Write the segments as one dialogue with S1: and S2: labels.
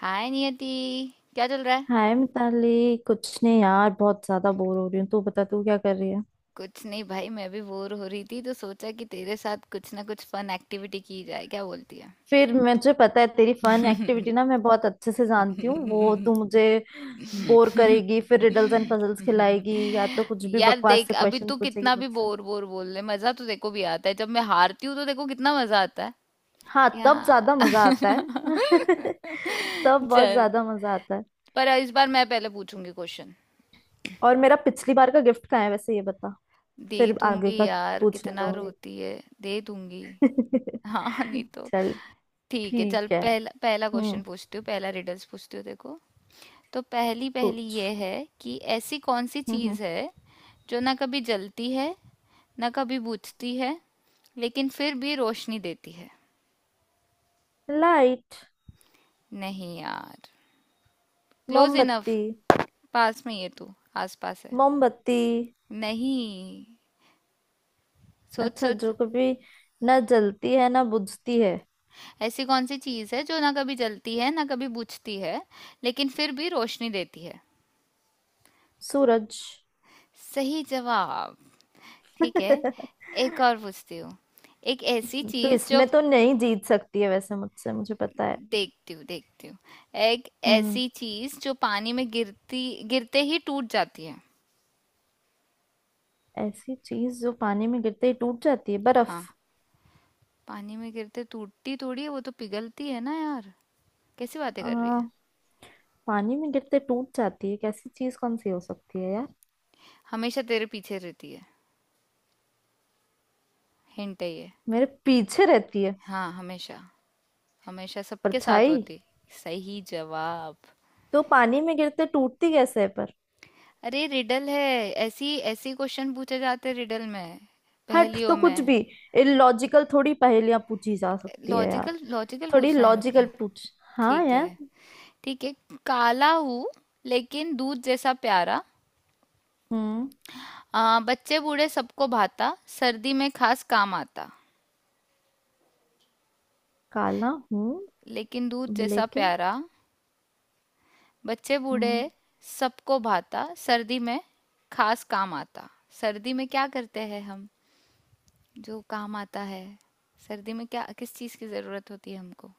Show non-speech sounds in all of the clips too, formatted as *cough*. S1: हाय नियति। क्या चल रहा है?
S2: हाय मिताली, कुछ नहीं यार, बहुत ज्यादा बोर हो रही हूँ। तू बता, तू क्या कर रही है।
S1: कुछ नहीं भाई, मैं भी बोर हो रही थी तो सोचा कि तेरे साथ कुछ ना कुछ फन एक्टिविटी की जाए, क्या बोलती है?
S2: फिर मुझे पता है तेरी फन एक्टिविटी, मैं बहुत अच्छे से जानती हूँ। वो तू मुझे बोर करेगी, फिर रिडल्स एंड पजल्स खिलाएगी या तो कुछ भी
S1: यार
S2: बकवास
S1: देख,
S2: से
S1: अभी तू
S2: क्वेश्चंस पूछेगी
S1: कितना भी
S2: मुझसे।
S1: बोर बोर बोल ले, मजा तो देखो भी आता है। जब मैं हारती हूँ तो देखो कितना मजा आता है।
S2: हाँ,
S1: क्या?
S2: तब ज्यादा मजा आता है। *laughs*
S1: *laughs*
S2: तब बहुत
S1: चल।
S2: ज्यादा मजा आता है।
S1: पर इस बार मैं पहले पूछूंगी क्वेश्चन।
S2: और मेरा पिछली बार का गिफ्ट कहाँ है वैसे, ये बता।
S1: दे
S2: फिर आगे
S1: दूंगी
S2: का
S1: यार,
S2: पूछने
S1: कितना
S2: दूंगी।
S1: रोती है, दे दूंगी।
S2: *laughs*
S1: हाँ नहीं तो।
S2: चल,
S1: ठीक है, चल,
S2: ठीक है।
S1: पहला पहला
S2: हम्म।
S1: क्वेश्चन पूछती हूँ, पहला रिडल्स पूछती हूँ, देखो। तो पहली पहली
S2: पूछ।
S1: ये है कि ऐसी कौन सी
S2: हम्म।
S1: चीज़ है जो ना कभी जलती है ना कभी बुझती है लेकिन फिर भी रोशनी देती है।
S2: लाइट।
S1: नहीं यार। Close enough.
S2: मोमबत्ती।
S1: पास में ही है तू। आस पास है।
S2: मोमबत्ती।
S1: नहीं, सोच
S2: अच्छा,
S1: सोच।
S2: जो कभी जलती है ना बुझती है।
S1: ऐसी कौन सी चीज़ है जो ना कभी जलती है ना कभी बुझती है लेकिन फिर भी रोशनी देती है?
S2: सूरज।
S1: सही जवाब। ठीक है,
S2: *laughs* तो
S1: एक और पूछती हूँ। एक ऐसी चीज जो
S2: इसमें तो नहीं जीत सकती है वैसे मुझसे, मुझे पता है।
S1: देखती हूँ देखती हूँ। एक
S2: हम्म।
S1: ऐसी चीज जो पानी में गिरती, गिरते ही टूट जाती है।
S2: ऐसी चीज जो पानी में गिरते ही टूट जाती है, बर्फ।
S1: हाँ। पानी में गिरते टूटती थोड़ी है, वो तो पिघलती है ना यार। कैसी बातें कर रही
S2: आ,
S1: है?
S2: पानी में गिरते टूट जाती है, कैसी चीज कौन सी हो सकती है यार।
S1: हमेशा तेरे पीछे रहती है, हिंट है ये।
S2: मेरे पीछे रहती है,
S1: हाँ, हमेशा, हमेशा सबके साथ
S2: परछाई।
S1: होती। सही जवाब।
S2: तो पानी में गिरते टूटती कैसे है पर।
S1: अरे रिडल है, ऐसी ऐसी क्वेश्चन पूछे जाते रिडल में,
S2: हट,
S1: पहेलियों
S2: तो कुछ
S1: में।
S2: भी इलॉजिकल थोड़ी पहेलियां पूछी जा सकती है यार।
S1: लॉजिकल लॉजिकल
S2: थोड़ी
S1: पूछना है, रुक
S2: लॉजिकल
S1: जा।
S2: पूछ हाँ
S1: ठीक
S2: यार।
S1: है। ठीक है। काला हूँ लेकिन दूध जैसा प्यारा।
S2: हम्म।
S1: बच्चे बूढ़े सबको भाता, सर्दी में खास काम आता।
S2: काला हूँ
S1: लेकिन दूध जैसा
S2: लेकिन।
S1: प्यारा, बच्चे बूढ़े
S2: हम्म।
S1: सबको भाता, सर्दी में खास काम आता। सर्दी में क्या करते हैं हम, जो काम आता है? सर्दी में क्या, किस चीज़ की ज़रूरत होती है हमको?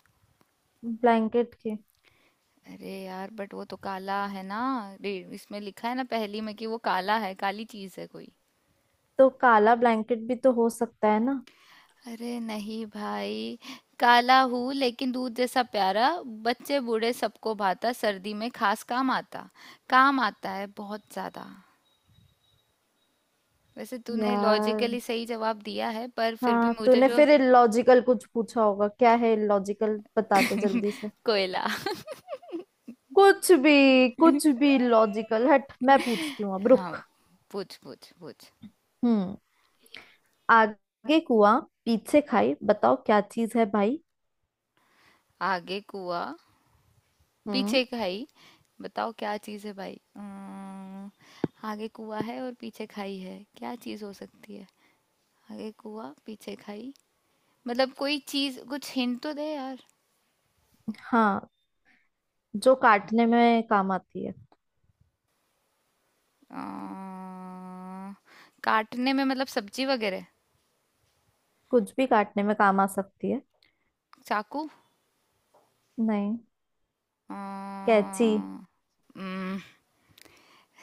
S2: ब्लैंकेट के।
S1: अरे यार, बट वो तो काला है ना। इसमें लिखा है ना पहेली में कि वो काला है, काली चीज़ है कोई।
S2: तो काला ब्लैंकेट भी तो हो सकता है ना
S1: अरे नहीं भाई। काला हूँ लेकिन दूध जैसा प्यारा, बच्चे बूढ़े सबको भाता, सर्दी में खास काम आता। काम आता है बहुत ज्यादा। वैसे तूने लॉजिकली
S2: यार।
S1: सही जवाब दिया है, पर फिर भी
S2: हाँ
S1: मुझे
S2: तूने
S1: जो
S2: फिर इलॉजिकल कुछ पूछा होगा, क्या है इलॉजिकल बताते
S1: *laughs*
S2: जल्दी से।
S1: कोयला।
S2: कुछ भी, कुछ भी लॉजिकल, हट, मैं पूछती हूँ अब,
S1: हाँ,
S2: रुक।
S1: पूछ पूछ पूछ।
S2: हम्म। आगे कुआं पीछे खाई, बताओ क्या चीज है भाई।
S1: आगे कुआ
S2: हम्म।
S1: पीछे खाई बताओ क्या चीज़ है भाई। आगे कुआ है और पीछे खाई है, क्या चीज़ हो सकती है? आगे कुआ पीछे खाई, मतलब कोई चीज, कुछ हिंट तो दे यार।
S2: हाँ, जो काटने में काम आती है।
S1: अ, काटने में मतलब सब्जी वगैरह?
S2: कुछ भी काटने में काम आ सकती है।
S1: चाकू।
S2: नहीं।
S1: अ,
S2: कैची।
S1: हम्म,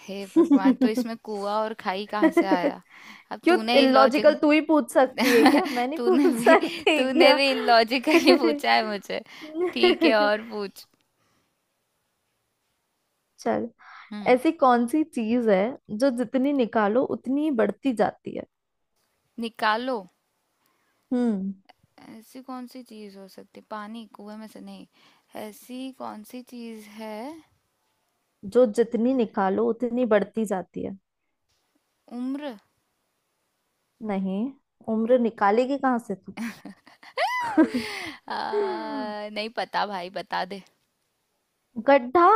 S1: हे भगवान, तो इसमें
S2: *laughs*
S1: कुआ और खाई कहाँ से आया? अब
S2: क्यों,
S1: तूने ही लॉजिक
S2: इलॉजिकल तू ही पूछ सकती है क्या, मैं
S1: *laughs*
S2: नहीं
S1: तूने
S2: पूछ
S1: भी
S2: सकती
S1: तूने
S2: क्या।
S1: भी लॉजिकली पूछा है मुझे। ठीक है, और
S2: *laughs*
S1: पूछ।
S2: चल,
S1: हम्म,
S2: ऐसी कौन सी चीज है जो जितनी निकालो उतनी ही बढ़ती जाती है।
S1: निकालो।
S2: हम्म।
S1: ऐसी कौन सी चीज हो सकती, पानी कुएं में से, नहीं। ऐसी कौन सी चीज है?
S2: जो जितनी निकालो उतनी बढ़ती जाती है।
S1: उम्र
S2: नहीं, उम्र निकालेगी कहाँ से तू।
S1: *laughs* आ,
S2: *laughs*
S1: नहीं पता भाई, बता दे।
S2: गड्ढा।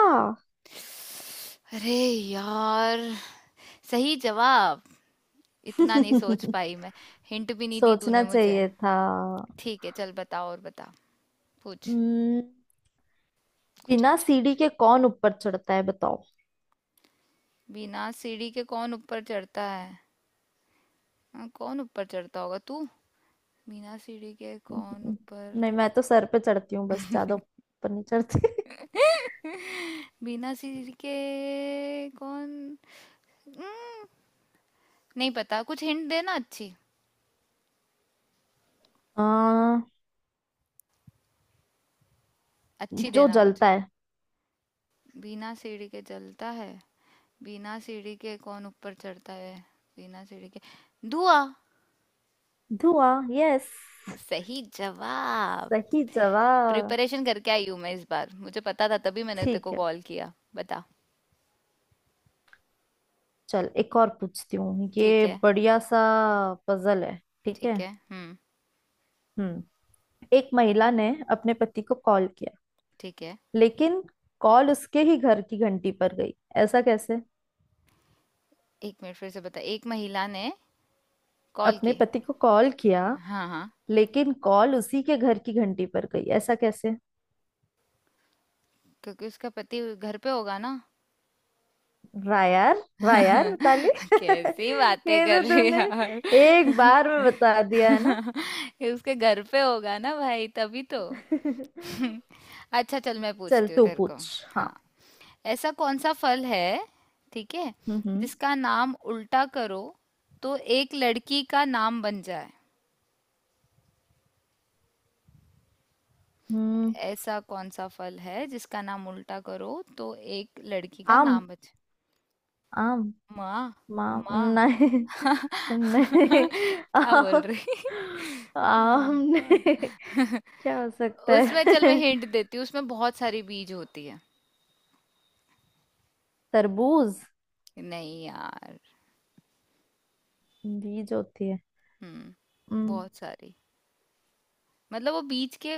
S1: अरे यार, सही जवाब। इतना नहीं सोच
S2: *laughs*
S1: पाई मैं। हिंट भी नहीं दी
S2: सोचना
S1: तूने मुझे।
S2: चाहिए था।
S1: ठीक है, चल बता और बता। पूछ
S2: हम्म।
S1: कुछ
S2: बिना
S1: अच्छा।
S2: सीढ़ी के कौन ऊपर चढ़ता है, बताओ।
S1: बिना सीढ़ी के कौन ऊपर चढ़ता है? हाँ, कौन ऊपर चढ़ता होगा तू? बिना सीढ़ी के कौन ऊपर
S2: नहीं, मैं तो सर पे चढ़ती हूँ बस, ज्यादा ऊपर नहीं चढ़ती। *laughs*
S1: *laughs* बिना सीढ़ी के कौन? हम्म, नहीं पता, कुछ हिंट देना अच्छी,
S2: आ,
S1: अच्छी
S2: जो
S1: देना कुछ।
S2: जलता है।
S1: बिना सीढ़ी के चलता है, बिना सीढ़ी के कौन ऊपर चढ़ता है, बिना सीढ़ी के। धुआं।
S2: धुआं, यस।
S1: सही जवाब।
S2: सही जवाब।
S1: प्रिपरेशन करके आई हूँ मैं इस बार, मुझे पता था तभी मैंने तेरे को
S2: ठीक है,
S1: कॉल किया। बता।
S2: चल एक और पूछती हूँ,
S1: ठीक
S2: ये
S1: है।
S2: बढ़िया सा पजल है। ठीक
S1: ठीक
S2: है।
S1: है। हम्म।
S2: हम्म। एक महिला ने अपने पति को कॉल किया,
S1: ठीक है।
S2: लेकिन कॉल उसके ही घर की घंटी पर गई, ऐसा कैसे।
S1: एक मिनट, फिर से बता। एक महिला ने कॉल
S2: अपने
S1: की।
S2: पति को कॉल किया,
S1: हाँ हाँ।
S2: लेकिन कॉल उसी के घर की घंटी पर गई, ऐसा कैसे।
S1: क्योंकि उसका पति घर पे होगा ना।
S2: वाह यार, वाह यार
S1: *laughs*
S2: मिताली।
S1: कैसी
S2: *laughs*
S1: बातें
S2: ये
S1: कर
S2: तो
S1: रही है
S2: तूने
S1: यार।
S2: एक बार में बता दिया है ना।
S1: *laughs* ये उसके घर पे होगा ना भाई, तभी तो। *laughs*
S2: *laughs*
S1: अच्छा चल, मैं
S2: चल
S1: पूछती हूँ
S2: तू
S1: तेरे को।
S2: पूछ। हाँ।
S1: हाँ। ऐसा कौन सा फल है, ठीक है,
S2: हम्म। हम्म।
S1: जिसका नाम उल्टा करो तो एक लड़की का नाम बन जाए।
S2: हम्म।
S1: ऐसा कौन सा फल है जिसका नाम उल्टा करो तो एक लड़की का
S2: आम।
S1: नाम बन जाए?
S2: आम।
S1: माँ।
S2: माम।
S1: माँ।
S2: नहीं।
S1: *laughs*
S2: *laughs* नहीं,
S1: क्या बोल
S2: आम।
S1: रही?
S2: आम
S1: हाँ,
S2: नहीं।
S1: हाँ।
S2: *laughs*
S1: *laughs*
S2: क्या हो सकता
S1: उसमें, चल
S2: है।
S1: मैं हिंट देती हूँ, उसमें बहुत सारी बीज होती है।
S2: *laughs* तरबूज।
S1: नहीं यार।
S2: बीज होती है।
S1: हम्म,
S2: हम्म।
S1: बहुत सारी, मतलब वो बीज के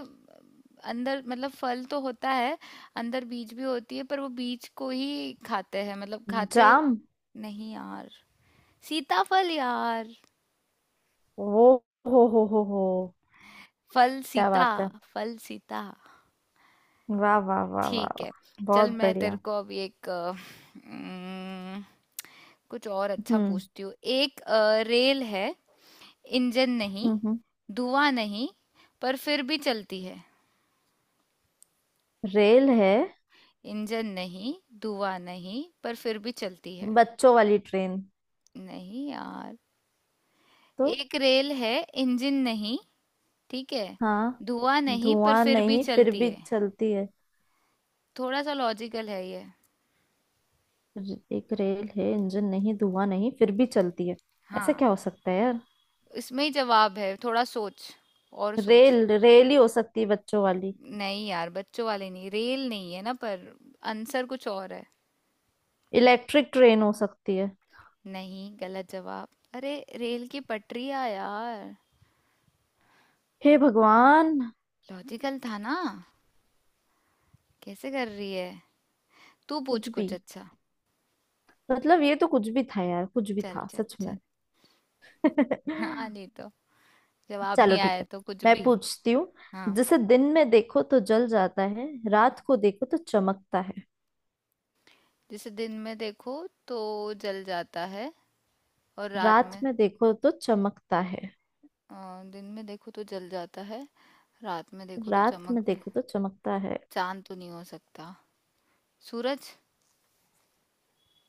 S1: अंदर, मतलब फल तो होता है, अंदर बीज भी होती है, पर वो बीज को ही खाते हैं, मतलब खाते।
S2: जाम।
S1: नहीं यार, सीताफल यार।
S2: वो, हो,
S1: फल
S2: क्या
S1: सीता,
S2: बात है।
S1: फल सीता।
S2: वाह वाह वाह वाह
S1: ठीक है,
S2: वाह,
S1: चल
S2: बहुत
S1: मैं तेरे
S2: बढ़िया।
S1: को अब एक उम्म, कुछ और अच्छा
S2: हम्म।
S1: पूछती हूँ। एक रेल है, इंजन नहीं,
S2: हम्म।
S1: धुआं नहीं, पर फिर भी चलती है।
S2: रेल है।
S1: इंजन नहीं, धुआं नहीं, पर फिर भी चलती है।
S2: बच्चों वाली ट्रेन।
S1: नहीं यार।
S2: तो।
S1: एक रेल है, इंजन नहीं, ठीक है,
S2: हाँ।
S1: धुआं नहीं, पर
S2: धुआं
S1: फिर भी
S2: नहीं फिर
S1: चलती
S2: भी
S1: है।
S2: चलती है।
S1: थोड़ा सा लॉजिकल है ये।
S2: एक रेल है, इंजन नहीं, धुआं नहीं, फिर भी चलती है, ऐसा
S1: हाँ,
S2: क्या हो सकता है यार।
S1: इसमें ही जवाब है, थोड़ा सोच, और सोच।
S2: रेल रेल ही हो सकती है बच्चों वाली।
S1: नहीं यार, बच्चों वाले नहीं, रेल नहीं है ना पर, आंसर कुछ और है।
S2: इलेक्ट्रिक ट्रेन हो सकती है।
S1: नहीं, गलत जवाब। अरे रेल की पटरियाँ यार।
S2: हे भगवान।
S1: लॉजिकल था ना, कैसे कर रही है। तू पूछ
S2: कुछ भी,
S1: कुछ अच्छा।
S2: मतलब ये तो कुछ भी था यार, कुछ भी
S1: चल
S2: था
S1: चल
S2: सच
S1: चल।
S2: में।
S1: हाँ
S2: *laughs*
S1: नहीं तो, जवाब
S2: चलो
S1: नहीं
S2: ठीक
S1: आया
S2: है,
S1: तो कुछ
S2: मैं
S1: भी।
S2: पूछती हूँ।
S1: हाँ।
S2: जिसे दिन में देखो तो जल जाता है, रात को देखो तो चमकता है।
S1: जिसे दिन में देखो तो जल जाता है और रात
S2: रात
S1: में
S2: में देखो तो चमकता है।
S1: अ, दिन में देखो तो जल जाता है, रात में देखो तो
S2: रात
S1: चमक,
S2: में देखो तो चमकता है
S1: चांद तो नहीं हो सकता, सूरज।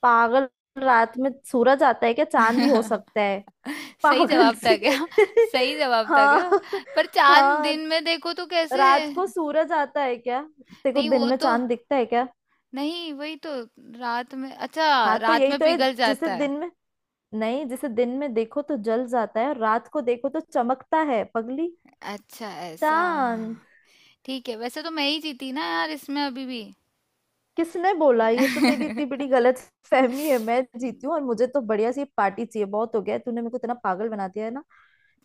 S2: पागल। रात में सूरज आता है क्या, चांद ही हो सकता
S1: *laughs*
S2: है
S1: सही
S2: पागल
S1: जवाब था
S2: सी।
S1: क्या? सही
S2: *laughs*
S1: जवाब था
S2: हाँ।
S1: क्या? पर चांद
S2: हाँ,
S1: दिन में देखो तो कैसे?
S2: रात को सूरज आता है क्या, देखो
S1: नहीं
S2: दिन
S1: वो
S2: में
S1: तो,
S2: चांद दिखता है क्या।
S1: नहीं वही तो, रात में, अच्छा,
S2: हाँ तो
S1: रात
S2: यही
S1: में
S2: तो है।
S1: पिघल
S2: जिसे
S1: जाता है।
S2: दिन में, नहीं जिसे दिन में देखो तो जल जाता है और रात को देखो तो चमकता है पगली।
S1: अच्छा ऐसा।
S2: चांद।
S1: ठीक है, वैसे तो मैं ही जीती ना यार इसमें, अभी भी
S2: किसने बोला, ये तो तेरी इतनी बड़ी
S1: *laughs*
S2: गलत फहमी है, मैं जीती हूँ और मुझे तो बढ़िया सी पार्टी चाहिए, बहुत हो गया है, तूने मेरे को इतना पागल बना दिया है ना।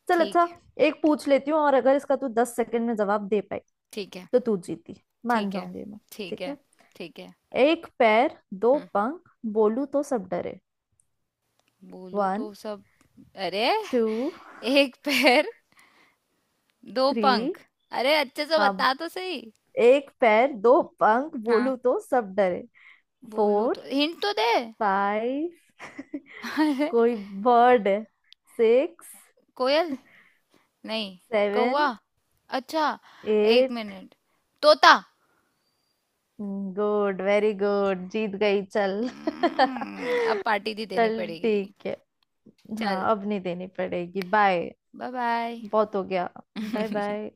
S2: चल
S1: ठीक
S2: अच्छा,
S1: है।
S2: एक पूछ लेती हूँ और अगर इसका तू 10 सेकंड में जवाब दे पाई
S1: ठीक है।
S2: तो तू जीती, मान
S1: ठीक है।
S2: जाऊंगी मैं।
S1: ठीक
S2: ठीक
S1: है।
S2: है।
S1: ठीक है।
S2: एक पैर, दो
S1: हम्म।
S2: पंख, बोलू तो सब डरे।
S1: बोलू
S2: वन।
S1: तो सब। अरे।
S2: टू।
S1: एक पैर दो
S2: थ्री।
S1: पंख। अरे, अच्छे से
S2: हाँ,
S1: बता तो सही।
S2: एक पैर दो पंख
S1: हाँ।
S2: बोलू तो सब डरे।
S1: बोलू तो,
S2: फोर।
S1: हिंट तो दे।
S2: फाइव। *laughs*
S1: अरे।
S2: कोई बर्ड है। सिक्स।
S1: कोयल? नहीं।
S2: सेवन।
S1: कौवा?
S2: *laughs*
S1: अच्छा, एक
S2: एट।
S1: मिनट, तोता।
S2: गुड, वेरी गुड, जीत गई, चल। *laughs*
S1: अब पार्टी भी देनी
S2: चल
S1: पड़ेगी।
S2: ठीक है। हाँ
S1: चल।
S2: अब नहीं देनी पड़ेगी, बाय,
S1: बाय बाय।
S2: बहुत हो गया। Bye
S1: *laughs*
S2: bye.